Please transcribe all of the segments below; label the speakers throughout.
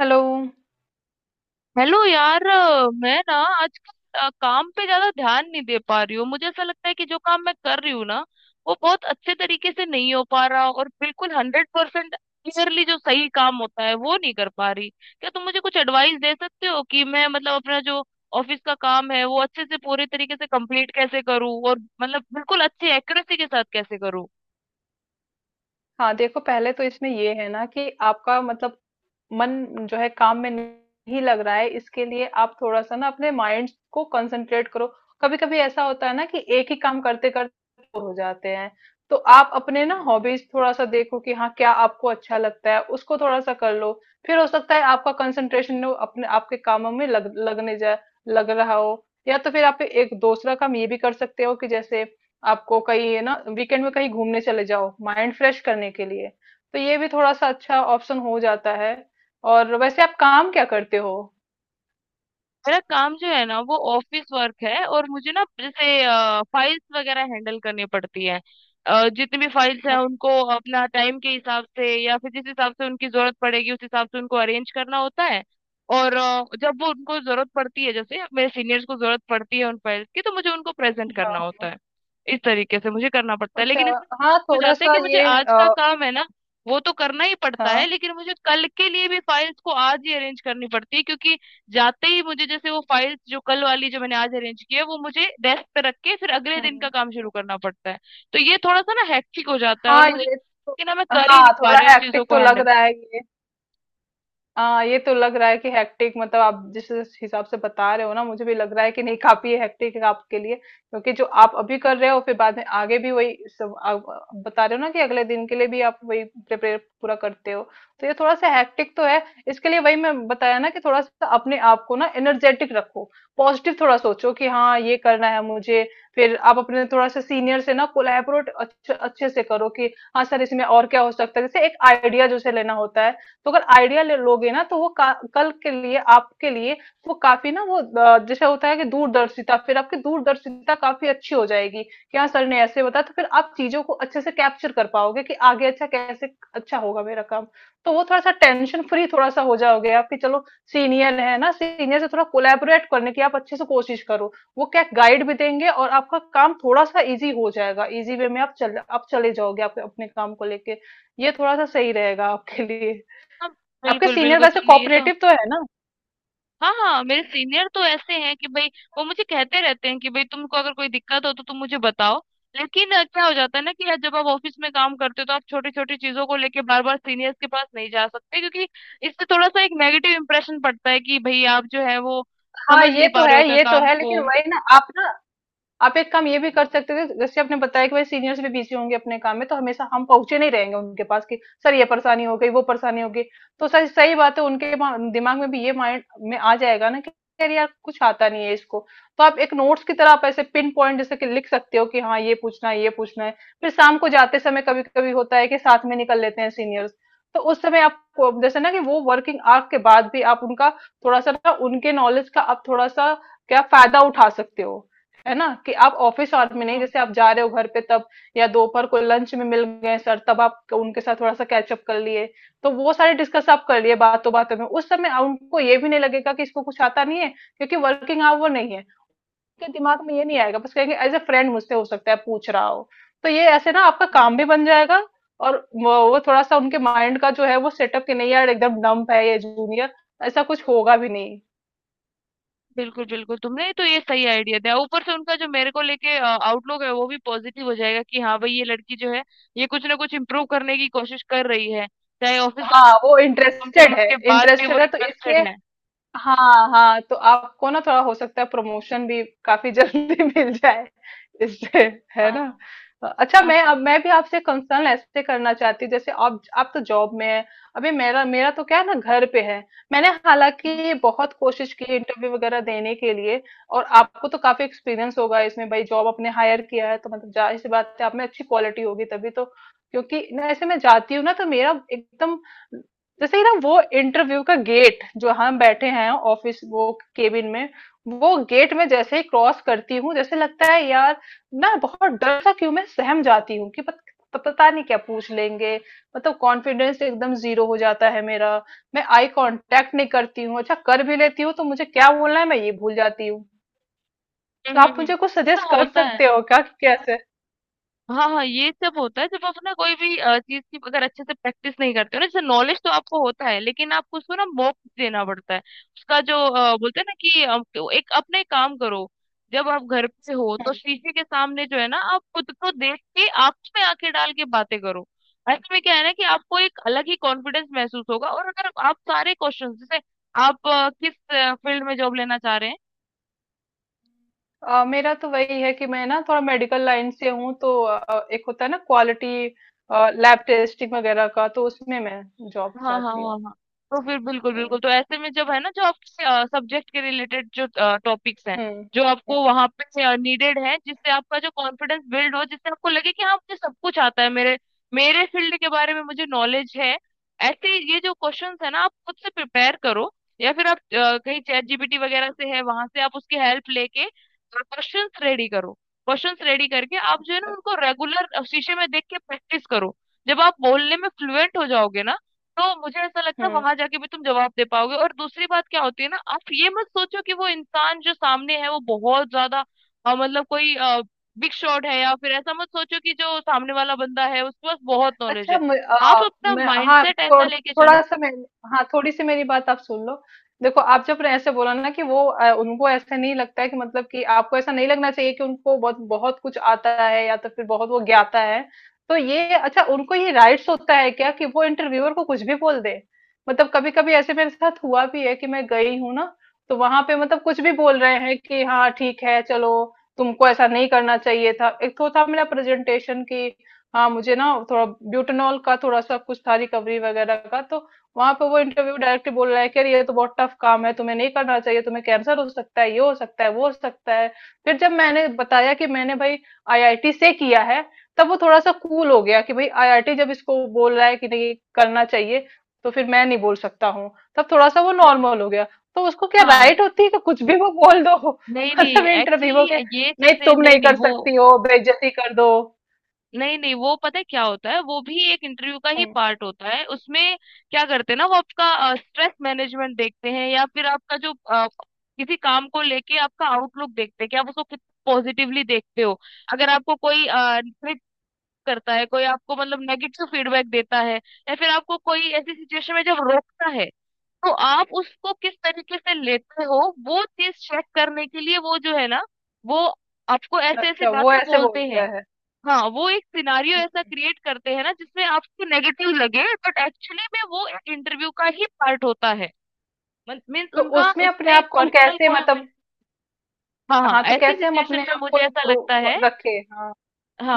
Speaker 1: Hello.
Speaker 2: Hello यार मैं ना आजकल काम पे ज्यादा ध्यान नहीं दे पा रही हूँ। मुझे ऐसा लगता है कि जो काम मैं कर रही हूँ ना वो बहुत अच्छे तरीके से नहीं हो पा रहा और बिल्कुल 100% क्लियरली जो सही काम होता है वो नहीं कर पा रही। क्या तुम मुझे कुछ एडवाइस दे सकते हो कि मैं मतलब अपना जो ऑफिस का काम है वो अच्छे से पूरे तरीके से कंप्लीट कैसे करूँ और मतलब बिल्कुल अच्छे एक्यूरेसी के साथ कैसे करूँ?
Speaker 1: हाँ देखो, पहले तो इसमें ये है ना कि आपका मतलब मन जो है काम में नहीं लग रहा है। इसके लिए आप थोड़ा-सा ना अपने माइंड को कंसंट्रेट करो। कभी-कभी ऐसा होता है ना कि एक ही काम करते-करते बोर हो जाते हैं। तो आप अपने ना हॉबीज थोड़ा-सा देखो कि हाँ, क्या आपको अच्छा लगता है उसको थोड़ा-सा कर लो। फिर हो सकता है आपका कंसंट्रेशन वो अपने आपके कामों में लग लगने जा लग रहा हो। या तो फिर आप एक दूसरा काम ये भी कर सकते हो कि जैसे आपको कहीं है ना वीकेंड में कहीं घूमने चले जाओ माइंड फ्रेश करने के लिए। तो ये भी थोड़ा-सा अच्छा ऑप्शन हो जाता है। और वैसे आप काम क्या करते हो?
Speaker 2: मेरा काम जो है ना वो ऑफिस वर्क है और मुझे ना जैसे फाइल्स वगैरह हैंडल करनी पड़ती है। जितनी भी फाइल्स हैं
Speaker 1: हम्म।
Speaker 2: उनको अपना टाइम के हिसाब से या फिर जिस हिसाब से उनकी जरूरत पड़ेगी उस हिसाब से उनको अरेंज करना होता है। और जब वो उनको जरूरत पड़ती है जैसे मेरे सीनियर्स को जरूरत पड़ती है उन फाइल्स की तो मुझे उनको प्रेजेंट
Speaker 1: हाँ
Speaker 2: करना होता
Speaker 1: हाँ।
Speaker 2: है। इस तरीके से मुझे करना पड़ता है,
Speaker 1: अच्छा।
Speaker 2: लेकिन इसमें
Speaker 1: हाँ
Speaker 2: हो
Speaker 1: थोड़ा
Speaker 2: जाता है
Speaker 1: सा
Speaker 2: कि मुझे
Speaker 1: ये
Speaker 2: आज का काम है ना वो तो करना ही पड़ता है,
Speaker 1: हाँ।
Speaker 2: लेकिन मुझे कल के लिए भी फाइल्स को आज ही अरेंज करनी पड़ती है क्योंकि जाते ही मुझे जैसे वो फाइल्स जो कल वाली जो मैंने आज अरेंज की है वो मुझे डेस्क पे रख के फिर अगले दिन का
Speaker 1: हम्म।
Speaker 2: काम शुरू करना पड़ता है। तो ये थोड़ा सा ना हेक्टिक हो जाता है और
Speaker 1: हाँ
Speaker 2: मुझे
Speaker 1: ये तो,
Speaker 2: कि ना मैं कर ही नहीं
Speaker 1: हाँ
Speaker 2: पा
Speaker 1: थोड़ा
Speaker 2: रही हूँ इस चीजों
Speaker 1: हैक्टिक
Speaker 2: को
Speaker 1: तो लग
Speaker 2: हैंडल।
Speaker 1: रहा है। हाँ ये तो लग रहा है कि हेक्टिक, मतलब आप जिस हिसाब से बता रहे हो ना मुझे भी लग रहा है कि नहीं काफी हेक्टिक है आपके लिए, क्योंकि जो आप अभी कर रहे हो फिर बाद में आगे भी वही सब आप बता रहे हो ना कि अगले दिन के लिए भी आप वही प्रिपेयर पूरा करते हो। तो ये थोड़ा सा हेक्टिक तो है। इसके लिए वही मैं बताया ना कि थोड़ा सा अपने आप को ना एनर्जेटिक रखो। पॉजिटिव थोड़ा सोचो कि हाँ ये करना है मुझे। फिर आप अपने थोड़ा सा सीनियर से ना कोलैबोरेट अच्छे अच्छे से करो कि हाँ सर इसमें और क्या हो सकता है, जैसे एक आइडिया जैसे लेना होता है। तो अगर आइडिया ले लोगे ना तो वो कल के लिए आपके लिए वो काफी ना वो जैसे होता है कि दूरदर्शिता, फिर आपकी दूरदर्शिता काफी अच्छी हो जाएगी कि हाँ सर ने ऐसे बताया। तो फिर आप चीजों को अच्छे से कैप्चर कर पाओगे कि आगे अच्छा कैसे अच्छा होगा मेरा काम। तो वो थोड़ा सा टेंशन फ्री थोड़ा सा हो जाओगे आप कि चलो सीनियर है ना, सीनियर से थोड़ा कोलैबोरेट करने की आप अच्छे से कोशिश करो। वो क्या गाइड भी देंगे और आपका काम थोड़ा सा इजी हो जाएगा, इजी वे में आप चले जाओगे आप अपने काम को लेके। ये थोड़ा सा सही रहेगा आपके लिए। आपके
Speaker 2: बिल्कुल
Speaker 1: सीनियर
Speaker 2: बिल्कुल,
Speaker 1: वैसे
Speaker 2: तुमने ये तो।
Speaker 1: कोऑपरेटिव तो है ना?
Speaker 2: हाँ हाँ, मेरे सीनियर तो ऐसे हैं कि भाई वो मुझे कहते रहते हैं कि भाई तुमको अगर कोई दिक्कत हो तो तुम मुझे बताओ, लेकिन क्या हो जाता है ना कि यार जब आप ऑफिस में काम करते हो तो आप छोटी छोटी चीजों को लेके बार बार सीनियर्स के पास नहीं जा सकते क्योंकि इससे थोड़ा सा एक नेगेटिव इम्प्रेशन पड़ता है कि भाई आप जो है वो
Speaker 1: हाँ
Speaker 2: समझ
Speaker 1: ये
Speaker 2: नहीं पा
Speaker 1: तो
Speaker 2: रहे हो
Speaker 1: है,
Speaker 2: क्या
Speaker 1: ये तो
Speaker 2: काम
Speaker 1: है,
Speaker 2: को।
Speaker 1: लेकिन वही ना आप एक काम ये भी कर सकते थे जैसे आपने बताया कि भाई सीनियर्स भी बिजी होंगे अपने काम में, तो हमेशा हम पहुंचे नहीं रहेंगे उनके पास कि सर ये परेशानी हो गई वो परेशानी हो गई। तो सर सही बात है, उनके दिमाग में भी ये माइंड में आ जाएगा ना कि यार यार कुछ आता नहीं है इसको। तो आप एक नोट्स की तरह आप ऐसे पिन पॉइंट जैसे कि लिख सकते हो कि हाँ ये पूछना है, ये पूछना है। फिर शाम को जाते समय कभी कभी होता है कि साथ में निकल लेते हैं सीनियर्स। तो उस समय जैसे ना कि वो वर्किंग आवर के बाद भी आप उनका थोड़ा सा ना उनके नॉलेज का आप थोड़ा सा क्या फायदा उठा सकते हो। है ना कि आप ऑफिस आवर में
Speaker 2: हाँ
Speaker 1: नहीं
Speaker 2: हाँ
Speaker 1: जैसे आप जा रहे हो घर पे तब या दोपहर को लंच में मिल गए सर तब आप उनके साथ थोड़ा सा कैचअप कर लिए। तो वो सारे डिस्कस आप कर लिए बातों बातों में उस समय उनको ये भी नहीं लगेगा कि इसको कुछ आता नहीं है, क्योंकि वर्किंग आवर नहीं है। उनके दिमाग में ये नहीं आएगा, बस कहेंगे एज ए फ्रेंड मुझसे हो सकता है पूछ रहा हो। तो ये ऐसे ना आपका
Speaker 2: हाँ।
Speaker 1: काम भी बन जाएगा। और वो थोड़ा सा उनके माइंड का जो है वो सेटअप कि नहीं यार एकदम डम्प है ये जूनियर, ऐसा कुछ होगा भी नहीं।
Speaker 2: बिल्कुल बिल्कुल, तुमने तो ये सही आइडिया दिया। ऊपर से उनका जो मेरे को लेके आउटलुक है वो भी पॉजिटिव हो जाएगा कि हाँ भाई ये लड़की जो है ये कुछ ना कुछ इम्प्रूव करने की कोशिश कर रही है, चाहे ऑफिस।
Speaker 1: हाँ वो
Speaker 2: कम से
Speaker 1: इंटरेस्टेड
Speaker 2: कम
Speaker 1: है,
Speaker 2: उसके बाद भी वो
Speaker 1: इंटरेस्टेड है तो इसके।
Speaker 2: इंटरेस्टेड है।
Speaker 1: हाँ हाँ, तो आपको ना थोड़ा हो सकता है प्रमोशन भी काफी जल्दी मिल जाए इससे, है ना।
Speaker 2: हाँ
Speaker 1: अच्छा
Speaker 2: हाँ
Speaker 1: मैं
Speaker 2: हाँ।
Speaker 1: अब मैं भी आपसे कंसर्न ऐसे करना चाहती हूँ, जैसे आप तो जॉब में है, अभी मेरा मेरा तो क्या है ना घर पे है। मैंने
Speaker 2: हम्म
Speaker 1: हालांकि बहुत कोशिश की इंटरव्यू वगैरह देने के लिए। और आपको तो काफी एक्सपीरियंस होगा इसमें, भाई जॉब आपने हायर किया है तो मतलब जाहिर सी बात है आप में अच्छी क्वालिटी होगी तभी तो। क्योंकि ना ऐसे मैं जाती हूँ ना तो मेरा एकदम जैसे ही ना वो इंटरव्यू का गेट जो हम बैठे हैं ऑफिस वो केबिन में, वो गेट में जैसे ही क्रॉस करती हूँ जैसे लगता है यार ना बहुत डर सा क्यों मैं सहम जाती हूँ कि पता नहीं क्या पूछ लेंगे। मतलब कॉन्फिडेंस एकदम जीरो हो जाता है मेरा। मैं आई कांटेक्ट नहीं करती हूँ, अच्छा कर भी लेती हूँ तो मुझे क्या बोलना है मैं ये भूल जाती हूँ। तो
Speaker 2: हम्म
Speaker 1: आप
Speaker 2: हम्म।
Speaker 1: मुझे कुछ
Speaker 2: ऐसा
Speaker 1: सजेस्ट कर
Speaker 2: होता है।
Speaker 1: सकते हो क्या कि कैसे?
Speaker 2: हाँ हाँ, ये सब होता है जब आप ना कोई भी चीज की अगर अच्छे से प्रैक्टिस नहीं करते हो ना। जैसे नॉलेज तो आपको होता है, लेकिन आपको उसको ना मौका देना पड़ता है उसका जो बोलते हैं ना कि तो एक अपने काम करो। जब आप घर पे हो तो शीशे के सामने जो है ना आप खुद को देख के आंखों में आंखें डाल के बातें करो। ऐसे में क्या है ना कि आपको एक अलग ही कॉन्फिडेंस महसूस होगा। और अगर आप सारे क्वेश्चन जैसे आप किस फील्ड में जॉब लेना चाह रहे हैं?
Speaker 1: मेरा तो वही है कि मैं ना थोड़ा मेडिकल लाइन से हूँ तो एक होता है ना क्वालिटी लैब टेस्टिंग वगैरह का, तो उसमें मैं जॉब
Speaker 2: हाँ हाँ
Speaker 1: चाहती
Speaker 2: हाँ
Speaker 1: हूँ।
Speaker 2: हाँ, तो फिर बिल्कुल बिल्कुल,
Speaker 1: हम्म।
Speaker 2: तो ऐसे में जब है ना जो आपके सब्जेक्ट के रिलेटेड जो टॉपिक्स हैं
Speaker 1: हम्म।
Speaker 2: जो आपको वहां पे नीडेड है जिससे आपका जो कॉन्फिडेंस बिल्ड हो जिससे आपको लगे कि हाँ मुझे सब कुछ आता है मेरे मेरे फील्ड के बारे में मुझे नॉलेज है। ऐसे ये जो क्वेश्चंस है ना आप खुद से प्रिपेयर करो, या फिर आप कहीं चैट GPT वगैरह से है वहां से आप उसकी हेल्प लेके क्वेश्चंस रेडी करो। क्वेश्चंस रेडी करके आप जो है ना उनको रेगुलर शीशे में देख के प्रैक्टिस करो। जब आप बोलने में फ्लुएंट हो जाओगे ना तो मुझे ऐसा लगता है
Speaker 1: हम्म।
Speaker 2: वहां जाके भी तुम जवाब दे पाओगे। और दूसरी बात क्या होती है ना आप ये मत सोचो कि वो इंसान जो सामने है वो बहुत ज्यादा मतलब कोई बिग शॉट है, या फिर ऐसा मत सोचो कि जो सामने वाला बंदा है उसके पास बहुत नॉलेज
Speaker 1: अच्छा
Speaker 2: है।
Speaker 1: मैं,
Speaker 2: आप अपना
Speaker 1: मैं हाँ
Speaker 2: माइंडसेट ऐसा लेके
Speaker 1: थोड़ा
Speaker 2: चलो।
Speaker 1: सा मैं, हाँ थोड़ी सी मेरी बात आप सुन लो। देखो आप जब ने ऐसे बोला ना कि वो उनको ऐसे नहीं लगता है कि मतलब कि आपको ऐसा नहीं लगना चाहिए कि उनको बहुत बहुत कुछ आता है या तो फिर बहुत वो ज्ञाता है। तो ये अच्छा उनको ये राइट्स होता है क्या कि वो इंटरव्यूअर को कुछ भी बोल दे? मतलब कभी कभी ऐसे मेरे साथ हुआ भी है कि मैं गई हूँ ना तो वहां पे मतलब कुछ भी बोल रहे हैं कि हाँ ठीक है चलो तुमको ऐसा नहीं करना चाहिए था। एक तो था मेरा प्रेजेंटेशन की हाँ मुझे ना थोड़ा ब्यूटेनॉल का थोड़ा सा कुछ था रिकवरी वगैरह का, तो वहां पे वो इंटरव्यू डायरेक्टली बोल रहा है कि अरे ये तो बहुत टफ काम है, तुम्हें नहीं करना चाहिए, तुम्हें कैंसर हो सकता है, ये हो सकता है, वो हो सकता है। फिर जब मैंने बताया कि मैंने भाई आईआईटी से किया है, तब वो थोड़ा सा कूल हो गया कि भाई आईआईटी जब इसको बोल रहा है कि नहीं करना चाहिए तो फिर मैं नहीं बोल सकता हूँ। तब थोड़ा सा वो
Speaker 2: नहीं,
Speaker 1: नॉर्मल हो गया। तो उसको क्या
Speaker 2: हाँ,
Speaker 1: राइट होती है कि कुछ भी वो बोल दो
Speaker 2: नहीं नहीं
Speaker 1: मतलब इंटरव्यू
Speaker 2: एक्चुअली
Speaker 1: के
Speaker 2: ये
Speaker 1: नहीं
Speaker 2: चीजें,
Speaker 1: तुम
Speaker 2: नहीं
Speaker 1: नहीं
Speaker 2: नहीं
Speaker 1: कर
Speaker 2: वो,
Speaker 1: सकती हो बेइज्जती कर दो।
Speaker 2: नहीं नहीं वो पता है क्या होता है वो भी एक इंटरव्यू का ही
Speaker 1: हम्म।
Speaker 2: पार्ट होता है। उसमें क्या करते हैं ना वो आपका स्ट्रेस मैनेजमेंट देखते हैं या फिर आपका जो किसी काम को लेके आपका आउटलुक देखते हैं कि आप उसको कितना पॉजिटिवली देखते हो। अगर आपको कोई ट्रिक करता है, कोई आपको मतलब नेगेटिव फीडबैक देता है, या फिर आपको कोई ऐसी सिचुएशन में जब रोकता है तो आप उसको किस तरीके से लेते हो वो चीज चेक करने के लिए वो जो है ना वो आपको ऐसे ऐसी
Speaker 1: अच्छा वो
Speaker 2: बातें
Speaker 1: ऐसे
Speaker 2: बोलते
Speaker 1: बोलता
Speaker 2: हैं।
Speaker 1: है।
Speaker 2: हाँ, वो एक सिनारियो ऐसा क्रिएट करते हैं ना जिसमें आपको नेगेटिव लगे बट एक्चुअली में वो एक इंटरव्यू का ही पार्ट होता है। मीन्स
Speaker 1: तो
Speaker 2: उनका
Speaker 1: उसमें अपने
Speaker 2: उसमें
Speaker 1: आप को हम
Speaker 2: पर्सनल
Speaker 1: कैसे
Speaker 2: कोई।
Speaker 1: मतलब,
Speaker 2: हाँ हाँ,
Speaker 1: हाँ तो
Speaker 2: ऐसी
Speaker 1: कैसे हम
Speaker 2: सिचुएशन
Speaker 1: अपने
Speaker 2: में
Speaker 1: आप
Speaker 2: मुझे
Speaker 1: को
Speaker 2: ऐसा लगता
Speaker 1: इम्प्रूव
Speaker 2: है।
Speaker 1: रखे, हाँ।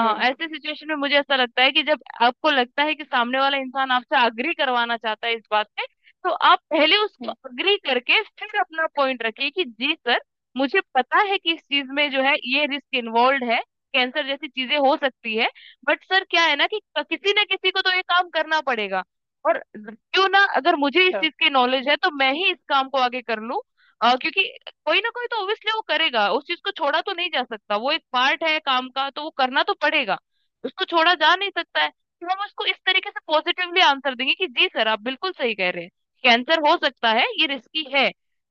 Speaker 1: हम्म।
Speaker 2: ऐसे सिचुएशन में मुझे ऐसा लगता है कि जब आपको लगता है कि सामने वाला इंसान आपसे अग्री करवाना चाहता है इस बात पे तो आप पहले उसको
Speaker 1: हम्म।
Speaker 2: अग्री करके फिर अपना पॉइंट रखिए कि जी सर, मुझे पता है कि इस चीज में जो है ये रिस्क इन्वॉल्व है। कैंसर जैसी चीजें हो सकती है, बट सर क्या है ना कि किसी ना किसी को तो ये काम करना पड़ेगा। और क्यों ना, अगर मुझे इस
Speaker 1: अच्छा।
Speaker 2: चीज की नॉलेज है तो मैं ही इस काम को आगे कर लूं। क्योंकि कोई ना कोई तो ऑब्वियसली वो करेगा, उस चीज को छोड़ा तो नहीं जा सकता, वो एक पार्ट है काम का तो वो करना तो पड़ेगा। उसको छोड़ा जा नहीं सकता है। तो हम उसको इस तरीके से पॉजिटिवली आंसर देंगे कि जी सर, आप बिल्कुल सही कह रहे हैं, कैंसर हो सकता है, ये रिस्की है,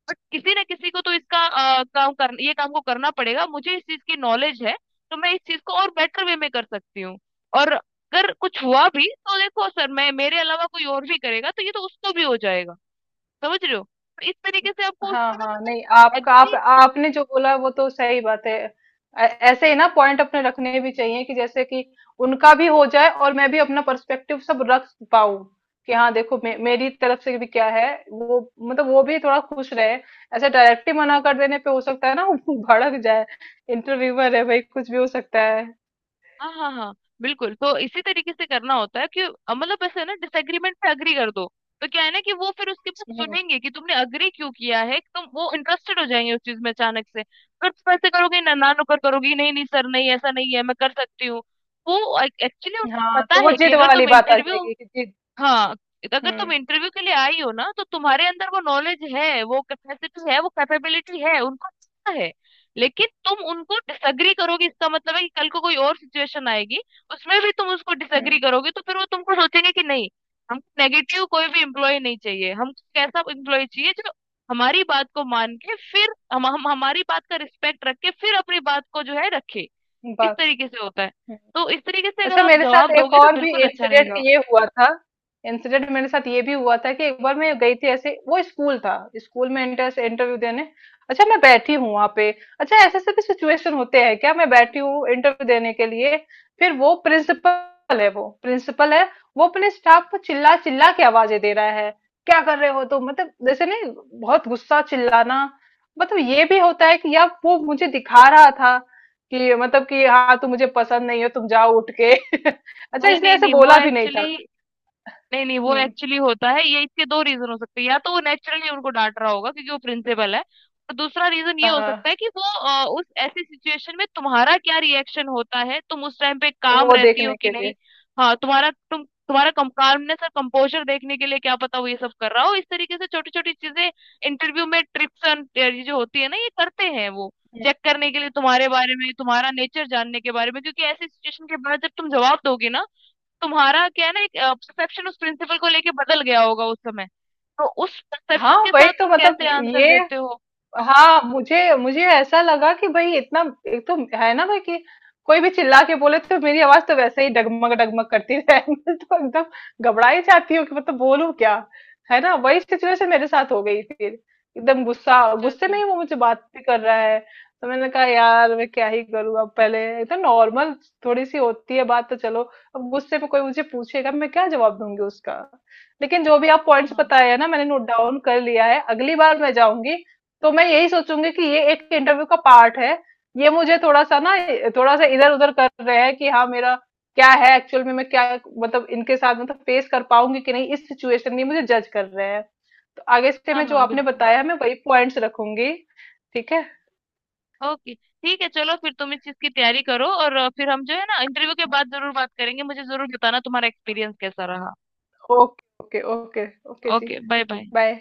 Speaker 2: बट किसी ना किसी को तो इसका काम कर ये काम को करना पड़ेगा, मुझे इस चीज की नॉलेज है तो मैं इस चीज को और बेटर वे में कर सकती हूँ। और अगर कुछ हुआ भी तो देखो सर, मैं मेरे अलावा कोई और भी करेगा तो ये तो उसको भी हो जाएगा। समझ रहे हो? तो इस तरीके से आपको
Speaker 1: हाँ
Speaker 2: उसको ना
Speaker 1: हाँ, नहीं
Speaker 2: मतलब
Speaker 1: आपका आप
Speaker 2: एग्री कर।
Speaker 1: आपने जो बोला वो तो सही बात है। ऐसे ही ना पॉइंट अपने रखने भी चाहिए कि जैसे कि उनका भी हो जाए और मैं भी अपना पर्सपेक्टिव सब रख पाऊं कि हाँ देखो मेरी तरफ से भी क्या है वो मतलब वो भी थोड़ा खुश रहे। ऐसे डायरेक्टली मना कर देने पे हो सकता है ना वो भड़क जाए, इंटरव्यूअर है भाई कुछ भी हो सकता है।
Speaker 2: हाँ हाँ हाँ बिल्कुल, तो इसी तरीके से करना होता है कि मतलब ऐसे ना डिसएग्रीमेंट पे अग्री कर दो। तो क्या है ना कि वो फिर उसके बाद सुनेंगे कि तुमने अग्री क्यों किया है, तुम वो इंटरेस्टेड हो जाएंगे उस चीज में अचानक से। अगर तुम ऐसे करोगे ना ना नुकर करोगी नहीं नहीं सर नहीं ऐसा नहीं है मैं कर सकती हूँ वो एक्चुअली
Speaker 1: हाँ
Speaker 2: पता
Speaker 1: तो वो
Speaker 2: है कि
Speaker 1: जिद
Speaker 2: अगर
Speaker 1: वाली
Speaker 2: तुम
Speaker 1: बात आ
Speaker 2: इंटरव्यू।
Speaker 1: जाएगी कि जिद।
Speaker 2: हाँ, अगर तुम
Speaker 1: हम्म।
Speaker 2: इंटरव्यू के लिए आई हो ना तो तुम्हारे अंदर वो नॉलेज है, वो कैपेसिटी है, वो कैपेबिलिटी है, उनको पता है। लेकिन तुम उनको डिसएग्री करोगे इसका मतलब है कि कल को कोई और सिचुएशन आएगी, उसमें भी तुम उसको
Speaker 1: हम्म।
Speaker 2: डिसएग्री करोगे, तो फिर वो तुमको सोचेंगे कि नहीं, हमको नेगेटिव कोई भी एम्प्लॉय नहीं चाहिए। हमको एक ऐसा एम्प्लॉय चाहिए जो हमारी बात को मान के फिर हम हमारी बात का रिस्पेक्ट रख के फिर अपनी बात को जो है रखे। इस
Speaker 1: बात।
Speaker 2: तरीके से होता है।
Speaker 1: हम्म।
Speaker 2: तो इस तरीके से अगर
Speaker 1: अच्छा
Speaker 2: आप
Speaker 1: मेरे साथ
Speaker 2: जवाब
Speaker 1: एक
Speaker 2: दोगे तो
Speaker 1: और भी
Speaker 2: बिल्कुल अच्छा
Speaker 1: इंसिडेंट
Speaker 2: रहेगा।
Speaker 1: ये हुआ था, इंसिडेंट मेरे साथ ये भी हुआ था कि एक बार मैं गई थी ऐसे वो स्कूल था, स्कूल में इंटरव्यू देने। अच्छा मैं बैठी हूँ वहां पे, अच्छा ऐसे ऐसे भी सिचुएशन होते हैं क्या? मैं बैठी हूँ इंटरव्यू देने के लिए। फिर वो प्रिंसिपल है। वो अपने स्टाफ को चिल्ला चिल्ला के आवाजें दे रहा है, क्या कर रहे हो तुम मतलब जैसे नहीं, बहुत गुस्सा चिल्लाना। मतलब ये भी होता है कि यार वो मुझे दिखा रहा था कि मतलब कि हाँ तुम मुझे पसंद नहीं हो तुम जाओ उठ के अच्छा
Speaker 2: नहीं
Speaker 1: इसने
Speaker 2: नहीं
Speaker 1: ऐसे
Speaker 2: नहीं वो
Speaker 1: बोला भी नहीं
Speaker 2: एक्चुअली
Speaker 1: था।
Speaker 2: नहीं नहीं वो
Speaker 1: हम्म।
Speaker 2: एक्चुअली होता है। ये इसके दो रीजन हो सकते हैं, या तो वो नेचुरली उनको डांट रहा होगा क्योंकि वो प्रिंसिपल है, और दूसरा रीजन ये हो
Speaker 1: हाँ,
Speaker 2: सकता है कि वो उस ऐसी सिचुएशन में तुम्हारा क्या रिएक्शन होता है, तुम उस टाइम पे काम
Speaker 1: वो
Speaker 2: रहती हो
Speaker 1: देखने
Speaker 2: कि
Speaker 1: के
Speaker 2: नहीं।
Speaker 1: लिए।
Speaker 2: हाँ, तुम्हारा कम कामनेस और कंपोजर देखने के लिए क्या पता वो ये सब कर रहा हो। इस तरीके से छोटी छोटी चीजें, इंटरव्यू में ट्रिप्स एंड ये जो होती है ना ये करते हैं वो
Speaker 1: हम्म।
Speaker 2: चेक करने के लिए तुम्हारे बारे में, तुम्हारा नेचर जानने के बारे में। क्योंकि ऐसी सिचुएशन के बाद जब तुम जवाब दोगे ना तुम्हारा क्या है ना एक परसेप्शन उस प्रिंसिपल को लेके बदल गया होगा उस समय, तो उस परसेप्शन
Speaker 1: हाँ
Speaker 2: के
Speaker 1: वही
Speaker 2: साथ
Speaker 1: तो
Speaker 2: तुम
Speaker 1: मतलब
Speaker 2: कैसे आंसर
Speaker 1: ये,
Speaker 2: देते हो?
Speaker 1: हाँ मुझे मुझे ऐसा लगा कि भाई इतना, एक तो है ना भाई कि कोई भी चिल्ला के बोले तो मेरी आवाज तो वैसे ही डगमग डगमग करती है मैं तो एकदम घबरा ही जाती हूँ कि मतलब बोलूं क्या। है ना, वही सिचुएशन मेरे साथ हो गई फिर। एकदम गुस्सा
Speaker 2: अच्छा
Speaker 1: गुस्से में
Speaker 2: अच्छा।
Speaker 1: ही वो मुझे बात भी कर रहा है। तो मैंने कहा यार मैं क्या ही करूँ, अब पहले एकदम नॉर्मल थोड़ी सी होती है बात तो चलो, अब गुस्से में कोई मुझे पूछेगा मैं क्या जवाब दूंगी उसका। लेकिन जो भी आप
Speaker 2: हाँ
Speaker 1: पॉइंट्स
Speaker 2: हाँ
Speaker 1: बताए हैं ना मैंने नोट डाउन कर लिया है, अगली बार मैं जाऊंगी तो मैं यही सोचूंगी कि ये एक इंटरव्यू का पार्ट है। ये मुझे थोड़ा सा ना थोड़ा सा इधर उधर कर रहे हैं कि हाँ मेरा क्या है एक्चुअल में मैं क्या मतलब इनके साथ मतलब फेस कर पाऊंगी कि नहीं, इस सिचुएशन में मुझे जज कर रहे हैं। तो आगे से
Speaker 2: हाँ
Speaker 1: मैं जो
Speaker 2: हाँ
Speaker 1: आपने
Speaker 2: बिल्कुल।
Speaker 1: बताया मैं वही पॉइंट्स रखूंगी। ठीक है।
Speaker 2: ओके ठीक है, चलो फिर तुम इस चीज की तैयारी करो और फिर हम जो है ना इंटरव्यू के बाद जरूर बात करेंगे। मुझे जरूर बताना तुम्हारा एक्सपीरियंस कैसा रहा।
Speaker 1: ओके। Okay okay. ओके जी।
Speaker 2: Okay bye bye.
Speaker 1: बाय।